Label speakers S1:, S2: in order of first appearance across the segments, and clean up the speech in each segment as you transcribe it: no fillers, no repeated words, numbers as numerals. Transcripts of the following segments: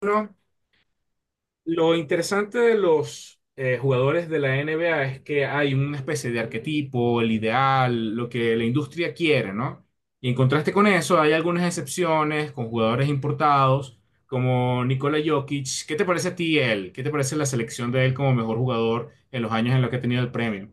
S1: Bueno, lo interesante de los jugadores de la NBA es que hay una especie de arquetipo, el ideal, lo que la industria quiere, ¿no? Y en contraste con eso, hay algunas excepciones con jugadores importados, como Nikola Jokic. ¿Qué te parece a ti él? ¿Qué te parece la selección de él como mejor jugador en los años en los que ha tenido el premio?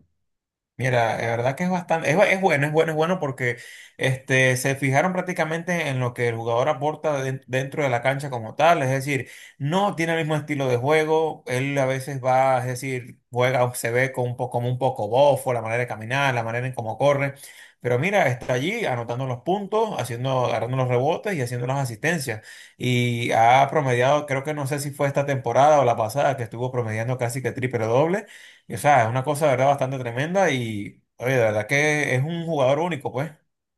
S2: Mira, de verdad que es bastante, es bueno, es bueno porque se fijaron prácticamente en lo que el jugador aporta dentro de la cancha como tal, es decir, no tiene el mismo estilo de juego, él a veces va, es decir, juega, o se ve con un poco, como un poco bofo, la manera de caminar, la manera en cómo corre, pero mira, está allí anotando los puntos, haciendo, agarrando los rebotes y haciendo las asistencias, y ha promediado, creo que no sé si fue esta temporada o la pasada, que estuvo promediando casi que triple doble. Y, o sea, es una cosa, de verdad, bastante tremenda y, oye, de verdad que es un jugador único, pues.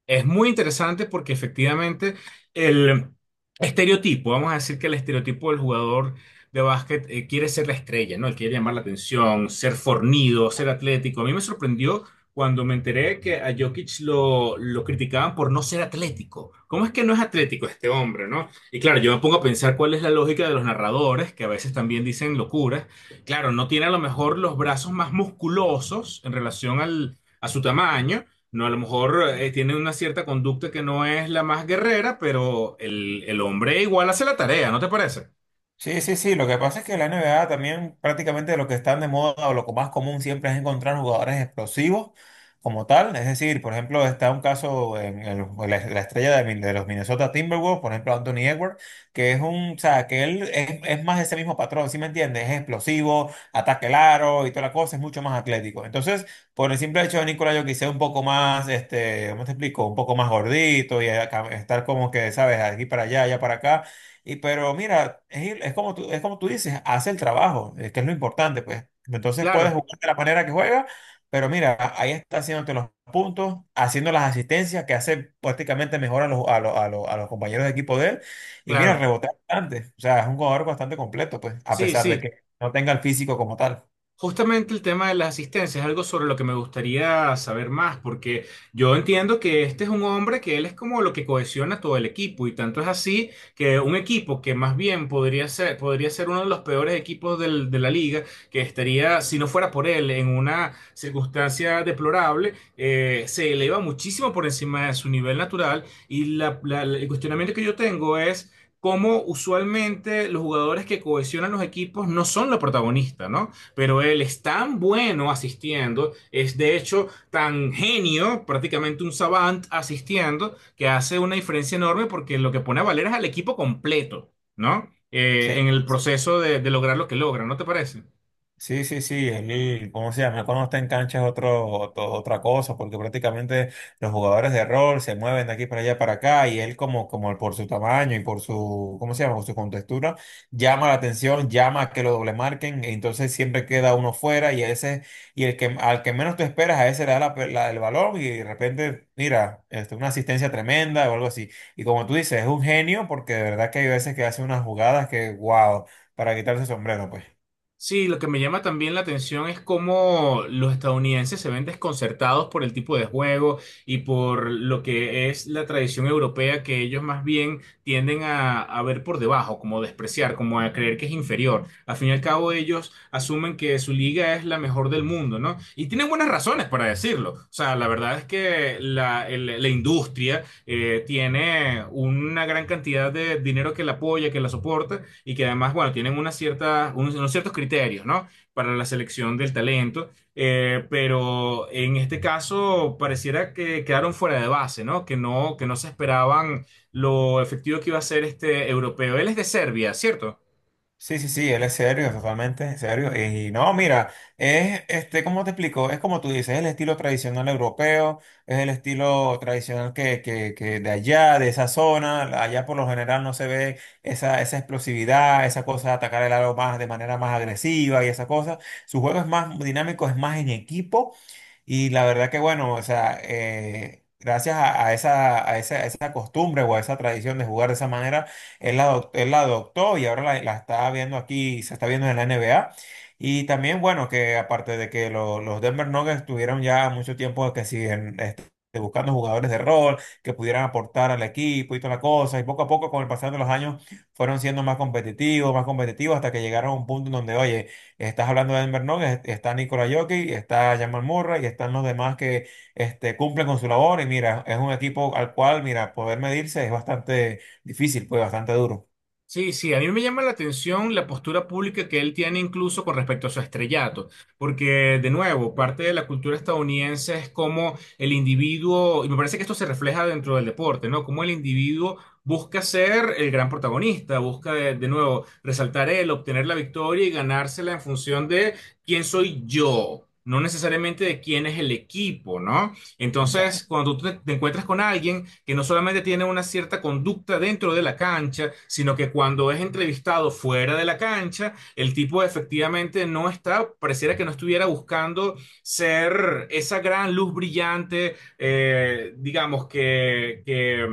S1: Es muy interesante porque efectivamente el estereotipo, vamos a decir que el estereotipo del jugador de básquet quiere ser la estrella, ¿no? Él quiere llamar la atención, ser fornido, ser atlético. A mí me sorprendió cuando me enteré que a Jokic lo criticaban por no ser atlético. ¿Cómo es que no es atlético este hombre, ¿no? Y claro, yo me pongo a pensar cuál es la lógica de los narradores, que a veces también dicen locuras. Claro, no tiene a lo mejor los brazos más musculosos en relación a su tamaño no, a lo mejor tiene una cierta conducta que no es la más guerrera, pero el hombre igual hace la tarea, ¿no te parece?
S2: Sí, sí, sí. Lo que pasa es que la NBA también prácticamente lo que están de moda o lo más común siempre es encontrar jugadores explosivos como tal. Es decir, por ejemplo, está un caso en la, la estrella de, de los Minnesota Timberwolves, por ejemplo, Anthony Edwards, que es un, o sea, que él es más ese mismo patrón, ¿sí me entiendes? Es explosivo, ataque el aro y toda la cosa, es mucho más atlético. Entonces, por el simple hecho de Nikola Jokic ser un poco más, ¿cómo te explico? Un poco más gordito y estar como que, ¿sabes? Aquí para allá, allá para acá y pero mira, es como tú dices, hace el trabajo, que es lo importante, pues. Entonces puedes
S1: Claro,
S2: jugar de la manera que juega, pero mira, ahí está haciéndote los puntos, haciendo las asistencias que hace prácticamente mejor a los, a los compañeros de equipo de él. Y mira,
S1: claro.
S2: rebotea bastante. O sea, es un jugador bastante completo, pues, a
S1: Sí,
S2: pesar de
S1: sí.
S2: que no tenga el físico como tal.
S1: Justamente el tema de las asistencias es algo sobre lo que me gustaría saber más, porque yo entiendo que este es un hombre que él es como lo que cohesiona todo el equipo, y tanto es así que un equipo que más bien podría ser uno de los peores equipos del- de la liga, que estaría, si no fuera por él, en una circunstancia deplorable, se eleva muchísimo por encima de su nivel natural, y el cuestionamiento que yo tengo es... cómo usualmente los jugadores que cohesionan los equipos no son los protagonistas, ¿no? Pero él es tan bueno asistiendo, es de hecho tan genio, prácticamente un savant asistiendo, que hace una diferencia enorme porque lo que pone a valer es al equipo completo, ¿no?
S2: Sí.
S1: En
S2: Sí,
S1: el proceso de lograr lo que logra, ¿no te parece?
S2: sí, sí, sí, él, ¿cómo se llama? Cuando está en cancha es otro, otra cosa, porque prácticamente los jugadores de rol se mueven de aquí para allá para acá y él como, como por su tamaño y por su, ¿cómo se llama? Por su contextura, llama la atención, llama a que lo doble marquen, entonces siempre queda uno fuera y ese, y el que, al que menos tú esperas, a ese le da el balón y de repente, mira, una asistencia tremenda o algo así. Y como tú dices, es un genio porque de verdad que hay veces que hace unas jugadas que, wow, para quitarse el sombrero, pues.
S1: Sí, lo que me llama también la atención es cómo los estadounidenses se ven desconcertados por el tipo de juego y por lo que es la tradición europea que ellos más bien tienden a ver por debajo, como despreciar, como a creer que es inferior. Al fin y al cabo ellos asumen que su liga es la mejor del mundo, ¿no? Y tienen buenas razones para decirlo. O sea, la verdad es que la industria tiene una gran cantidad de dinero que la apoya, que la soporta y que además, bueno, tienen una cierta, unos ciertos criterios, ¿no? Para la selección del talento, pero en este caso pareciera que quedaron fuera de base, ¿no? Que no, que no se esperaban lo efectivo que iba a ser este europeo. Él es de Serbia, ¿cierto?
S2: Sí, sí, sí, él es serio, totalmente serio. Y no, mira, ¿cómo te explico? Es como tú dices, es el estilo tradicional europeo, es el estilo tradicional que de allá, de esa zona, allá por lo general no se ve esa, esa explosividad, esa cosa de atacar el aro más de manera más agresiva y esa cosa. Su juego es más dinámico, es más en equipo. Y la verdad que bueno, o sea, gracias a, a esa costumbre o a esa tradición de jugar de esa manera, él la adoptó y ahora la, la está viendo aquí, se está viendo en la NBA. Y también, bueno, que aparte de que los Denver Nuggets tuvieron ya mucho tiempo que siguen buscando jugadores de rol que pudieran aportar al equipo y toda la cosa, y poco a poco con el pasar de los años fueron siendo más competitivos hasta que llegaron a un punto en donde, oye, estás hablando de Denver Nuggets, está Nikola Jokic, está Jamal Murray y están los demás que cumplen con su labor. Y mira, es un equipo al cual, mira, poder medirse es bastante difícil, pues bastante duro.
S1: Sí, sí, a mí me llama la atención la postura pública que él tiene incluso con respecto a su estrellato, porque de nuevo, parte de la cultura estadounidense es como el individuo, y me parece que esto se refleja dentro del deporte, ¿no? Como el individuo busca ser el gran protagonista, busca de nuevo resaltar él, obtener la victoria y ganársela en función de quién soy yo, no necesariamente de quién es el equipo, ¿no?
S2: O
S1: Entonces, cuando tú te encuentras con alguien que no solamente tiene una cierta conducta dentro de la cancha, sino que cuando es entrevistado fuera de la cancha, el tipo efectivamente no está, pareciera que no estuviera buscando ser esa gran luz brillante, digamos,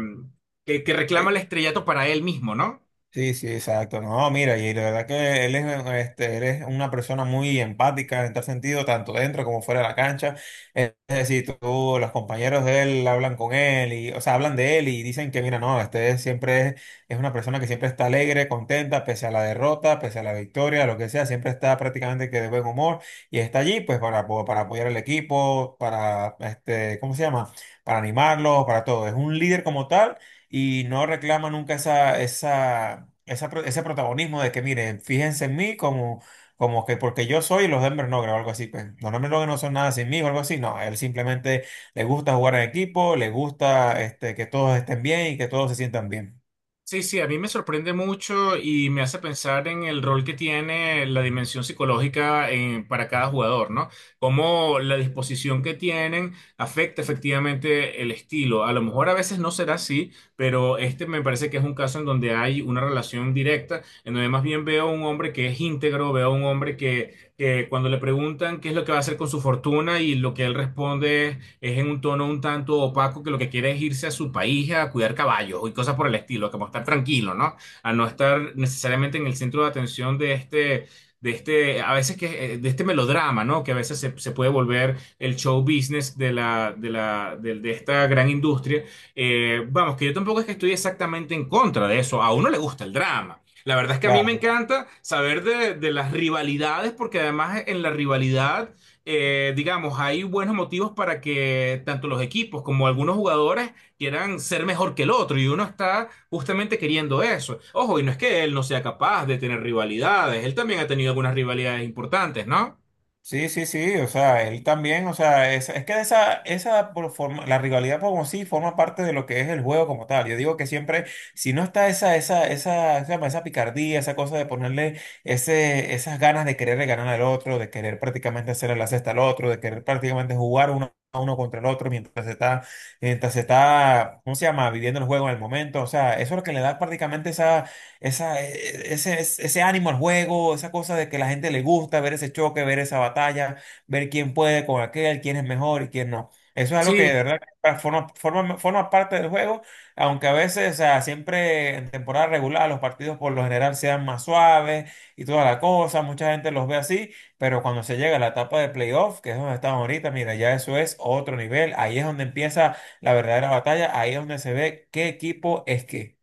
S1: que reclama el estrellato para él mismo, ¿no?
S2: Sí, sí, exacto. No, mira, y la verdad que él es, él es una persona muy empática en tal sentido, tanto dentro como fuera de la cancha. Es decir, tú, los compañeros de él hablan con él y, o sea, hablan de él y dicen que, mira, no, siempre es una persona que siempre está alegre, contenta, pese a la derrota, pese a la victoria, lo que sea, siempre está prácticamente que de buen humor y está allí, pues, para apoyar al equipo, para, ¿cómo se llama? Para animarlos, para todo. Es un líder como tal y no reclama nunca ese protagonismo de que, miren, fíjense en mí como, como que porque yo soy los Denver Nuggets o algo así, pues los Denver Nuggets no son nada sin mí o algo así, no, a él simplemente le gusta jugar en equipo, le gusta que todos estén bien y que todos se sientan bien.
S1: Sí, sí, a mí me sorprende mucho y me hace pensar en el rol que tiene la dimensión psicológica en- para cada jugador, ¿no? Cómo la disposición que tienen afecta efectivamente el estilo. A lo mejor a veces no será así, pero este me parece que es un caso en donde hay una relación directa, en donde más bien veo a un hombre que es íntegro, veo a un hombre que cuando le preguntan qué es lo que va a hacer con su fortuna y lo que él responde es en un tono un tanto opaco que lo que quiere es irse a su país a cuidar caballos y cosas por el estilo, como estar tranquilo, ¿no? A no estar necesariamente en el centro de atención de este, a veces que, de este melodrama, ¿no? Que a veces se puede volver el show business de de esta gran industria. Vamos, que yo tampoco es que estoy exactamente en contra de eso. A uno le gusta el drama. La verdad es que a mí me
S2: Claro.
S1: encanta saber de las rivalidades, porque además en la rivalidad digamos, hay buenos motivos para que tanto los equipos como algunos jugadores quieran ser mejor que el otro y uno está justamente queriendo eso. Ojo, y no es que él no sea capaz de tener rivalidades, él también ha tenido algunas rivalidades importantes, ¿no?
S2: Sí, sí, sí, o sea, él también, o sea, es que esa por forma, la rivalidad como sí forma parte de lo que es el juego como tal. Yo digo que siempre, si no está esa picardía, esa cosa de ponerle ese, esas ganas de querer ganar al otro, de querer prácticamente hacerle la cesta al otro, de querer prácticamente jugar uno a uno contra el otro mientras se está, ¿cómo se llama? Viviendo el juego en el momento. O sea, eso es lo que le da prácticamente esa esa, e- e, ese ánimo al juego, esa cosa de que la gente le gusta ver ese choque, ver esa batalla, ver quién puede con aquel, quién es mejor y quién no. Eso es algo que de
S1: Sí,
S2: verdad forma parte del juego, aunque a veces, o sea, siempre en temporada regular los partidos por lo general sean más suaves y toda la cosa, mucha gente los ve así, pero cuando se llega a la etapa de playoff, que es donde estamos ahorita, mira, ya eso es otro nivel, ahí es donde empieza la verdadera batalla, ahí es donde se ve qué equipo es qué.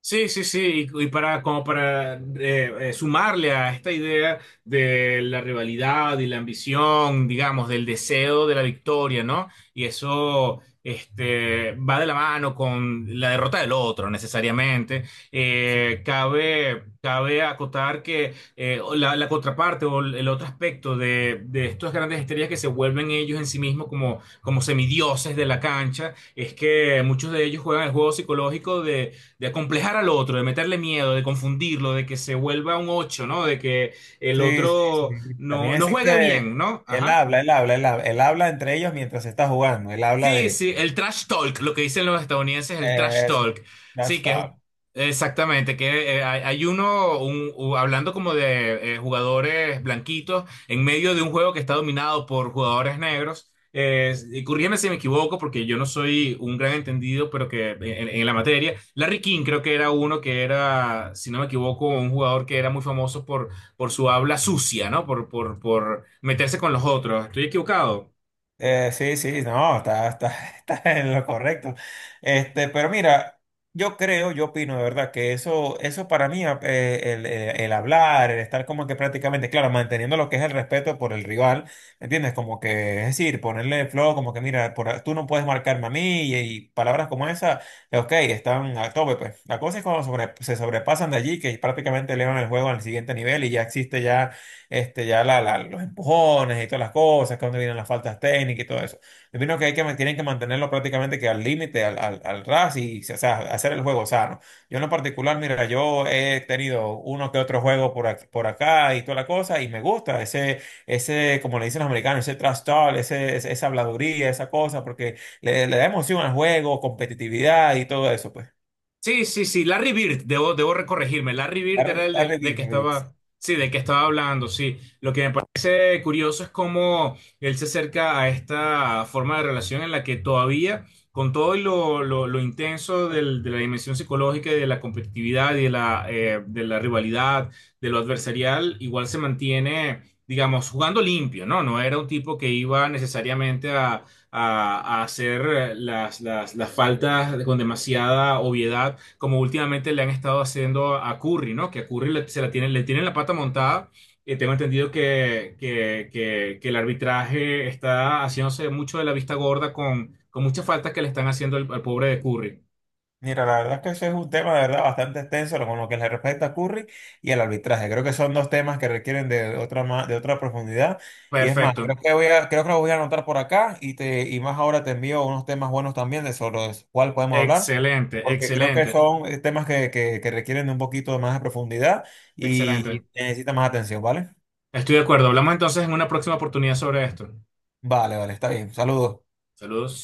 S1: sí, sí, sí, y para como para sumarle a esta idea de la rivalidad y la ambición, digamos, del deseo de la victoria, ¿no? Y eso este, va de la mano con la derrota del otro, necesariamente. Cabe acotar que la, la contraparte o el otro aspecto de estas grandes estrellas que se vuelven ellos en sí mismos como, como semidioses de la cancha es que muchos de ellos juegan el juego psicológico de acomplejar al otro, de meterle miedo, de confundirlo, de que se vuelva un 8, ¿no? De que el
S2: Sí, sí,
S1: otro
S2: sí.
S1: no,
S2: También
S1: no juegue bien,
S2: existe,
S1: ¿no? Ajá.
S2: él habla entre ellos mientras está jugando, él habla
S1: Sí,
S2: de...
S1: sí, el trash talk, lo que dicen los estadounidenses, el trash
S2: eso,
S1: talk.
S2: no
S1: Sí, que es
S2: stop.
S1: exactamente, que hay uno hablando como de jugadores blanquitos en medio de un juego que está dominado por jugadores negros. Y corrígeme si me equivoco, porque yo no soy un gran entendido, pero que en la materia, Larry King creo que era uno que era, si no me equivoco, un jugador que era muy famoso por su habla sucia, ¿no? Por meterse con los otros. ¿Estoy equivocado?
S2: Sí, sí, no, está, está en lo correcto. Pero mira, yo opino de verdad que eso para mí, el hablar, el estar como que prácticamente, claro, manteniendo lo que es el respeto por el rival, ¿me ¿entiendes? Como que, es decir, ponerle el flow, como que mira, tú no puedes marcarme a mí y palabras como esa, ok, están a tope, pues. La cosa es cuando se sobrepasan de allí, que prácticamente elevan el juego al siguiente nivel y ya existe ya este, ya la- la- los empujones y todas las cosas, que donde vienen las faltas técnicas y todo eso. Yo opino que tienen que mantenerlo prácticamente que al límite, al ras y o sea, hacer el juego sano. Yo en lo particular, mira, yo he tenido uno que otro juego por, por acá y toda la cosa y me gusta ese, ese, como le dicen los americanos, ese trash talk, esa habladuría, esa cosa, porque le da emoción al juego, competitividad y todo eso, pues.
S1: Sí, sí, sí, Larry Bird, debo recorregirme. Larry
S2: La,
S1: Bird era
S2: re-
S1: el
S2: la
S1: del
S2: revivir,
S1: que estaba, sí, del que estaba hablando, sí. Lo que me parece curioso es cómo él se acerca a esta forma de relación en la que todavía, con todo lo intenso del- de la dimensión psicológica y de la competitividad y de la rivalidad, de lo adversarial, igual se mantiene, digamos, jugando limpio, ¿no? No era un tipo que iba necesariamente a hacer las faltas con demasiada obviedad, como últimamente le han estado haciendo a Curry, ¿no? Que a Curry le, se la tienen, le tienen la pata montada. Tengo entendido que el arbitraje está haciéndose mucho de la vista gorda con muchas faltas que le están haciendo al pobre de Curry.
S2: Mira, la verdad es que ese es un tema de verdad bastante extenso con lo que le respecta a Curry y el arbitraje. Creo que son dos temas que requieren de otra profundidad. Y es más,
S1: Perfecto.
S2: creo que lo voy a anotar por acá y te, y más ahora te envío unos temas buenos también de sobre los cuales podemos hablar,
S1: Excelente,
S2: porque creo que
S1: excelente,
S2: son temas que requieren de un poquito más de profundidad
S1: excelente.
S2: y necesitan más atención, ¿vale?
S1: Estoy de acuerdo. Hablamos entonces en una próxima oportunidad sobre esto.
S2: Vale, vale, está bien. Saludos.
S1: Saludos.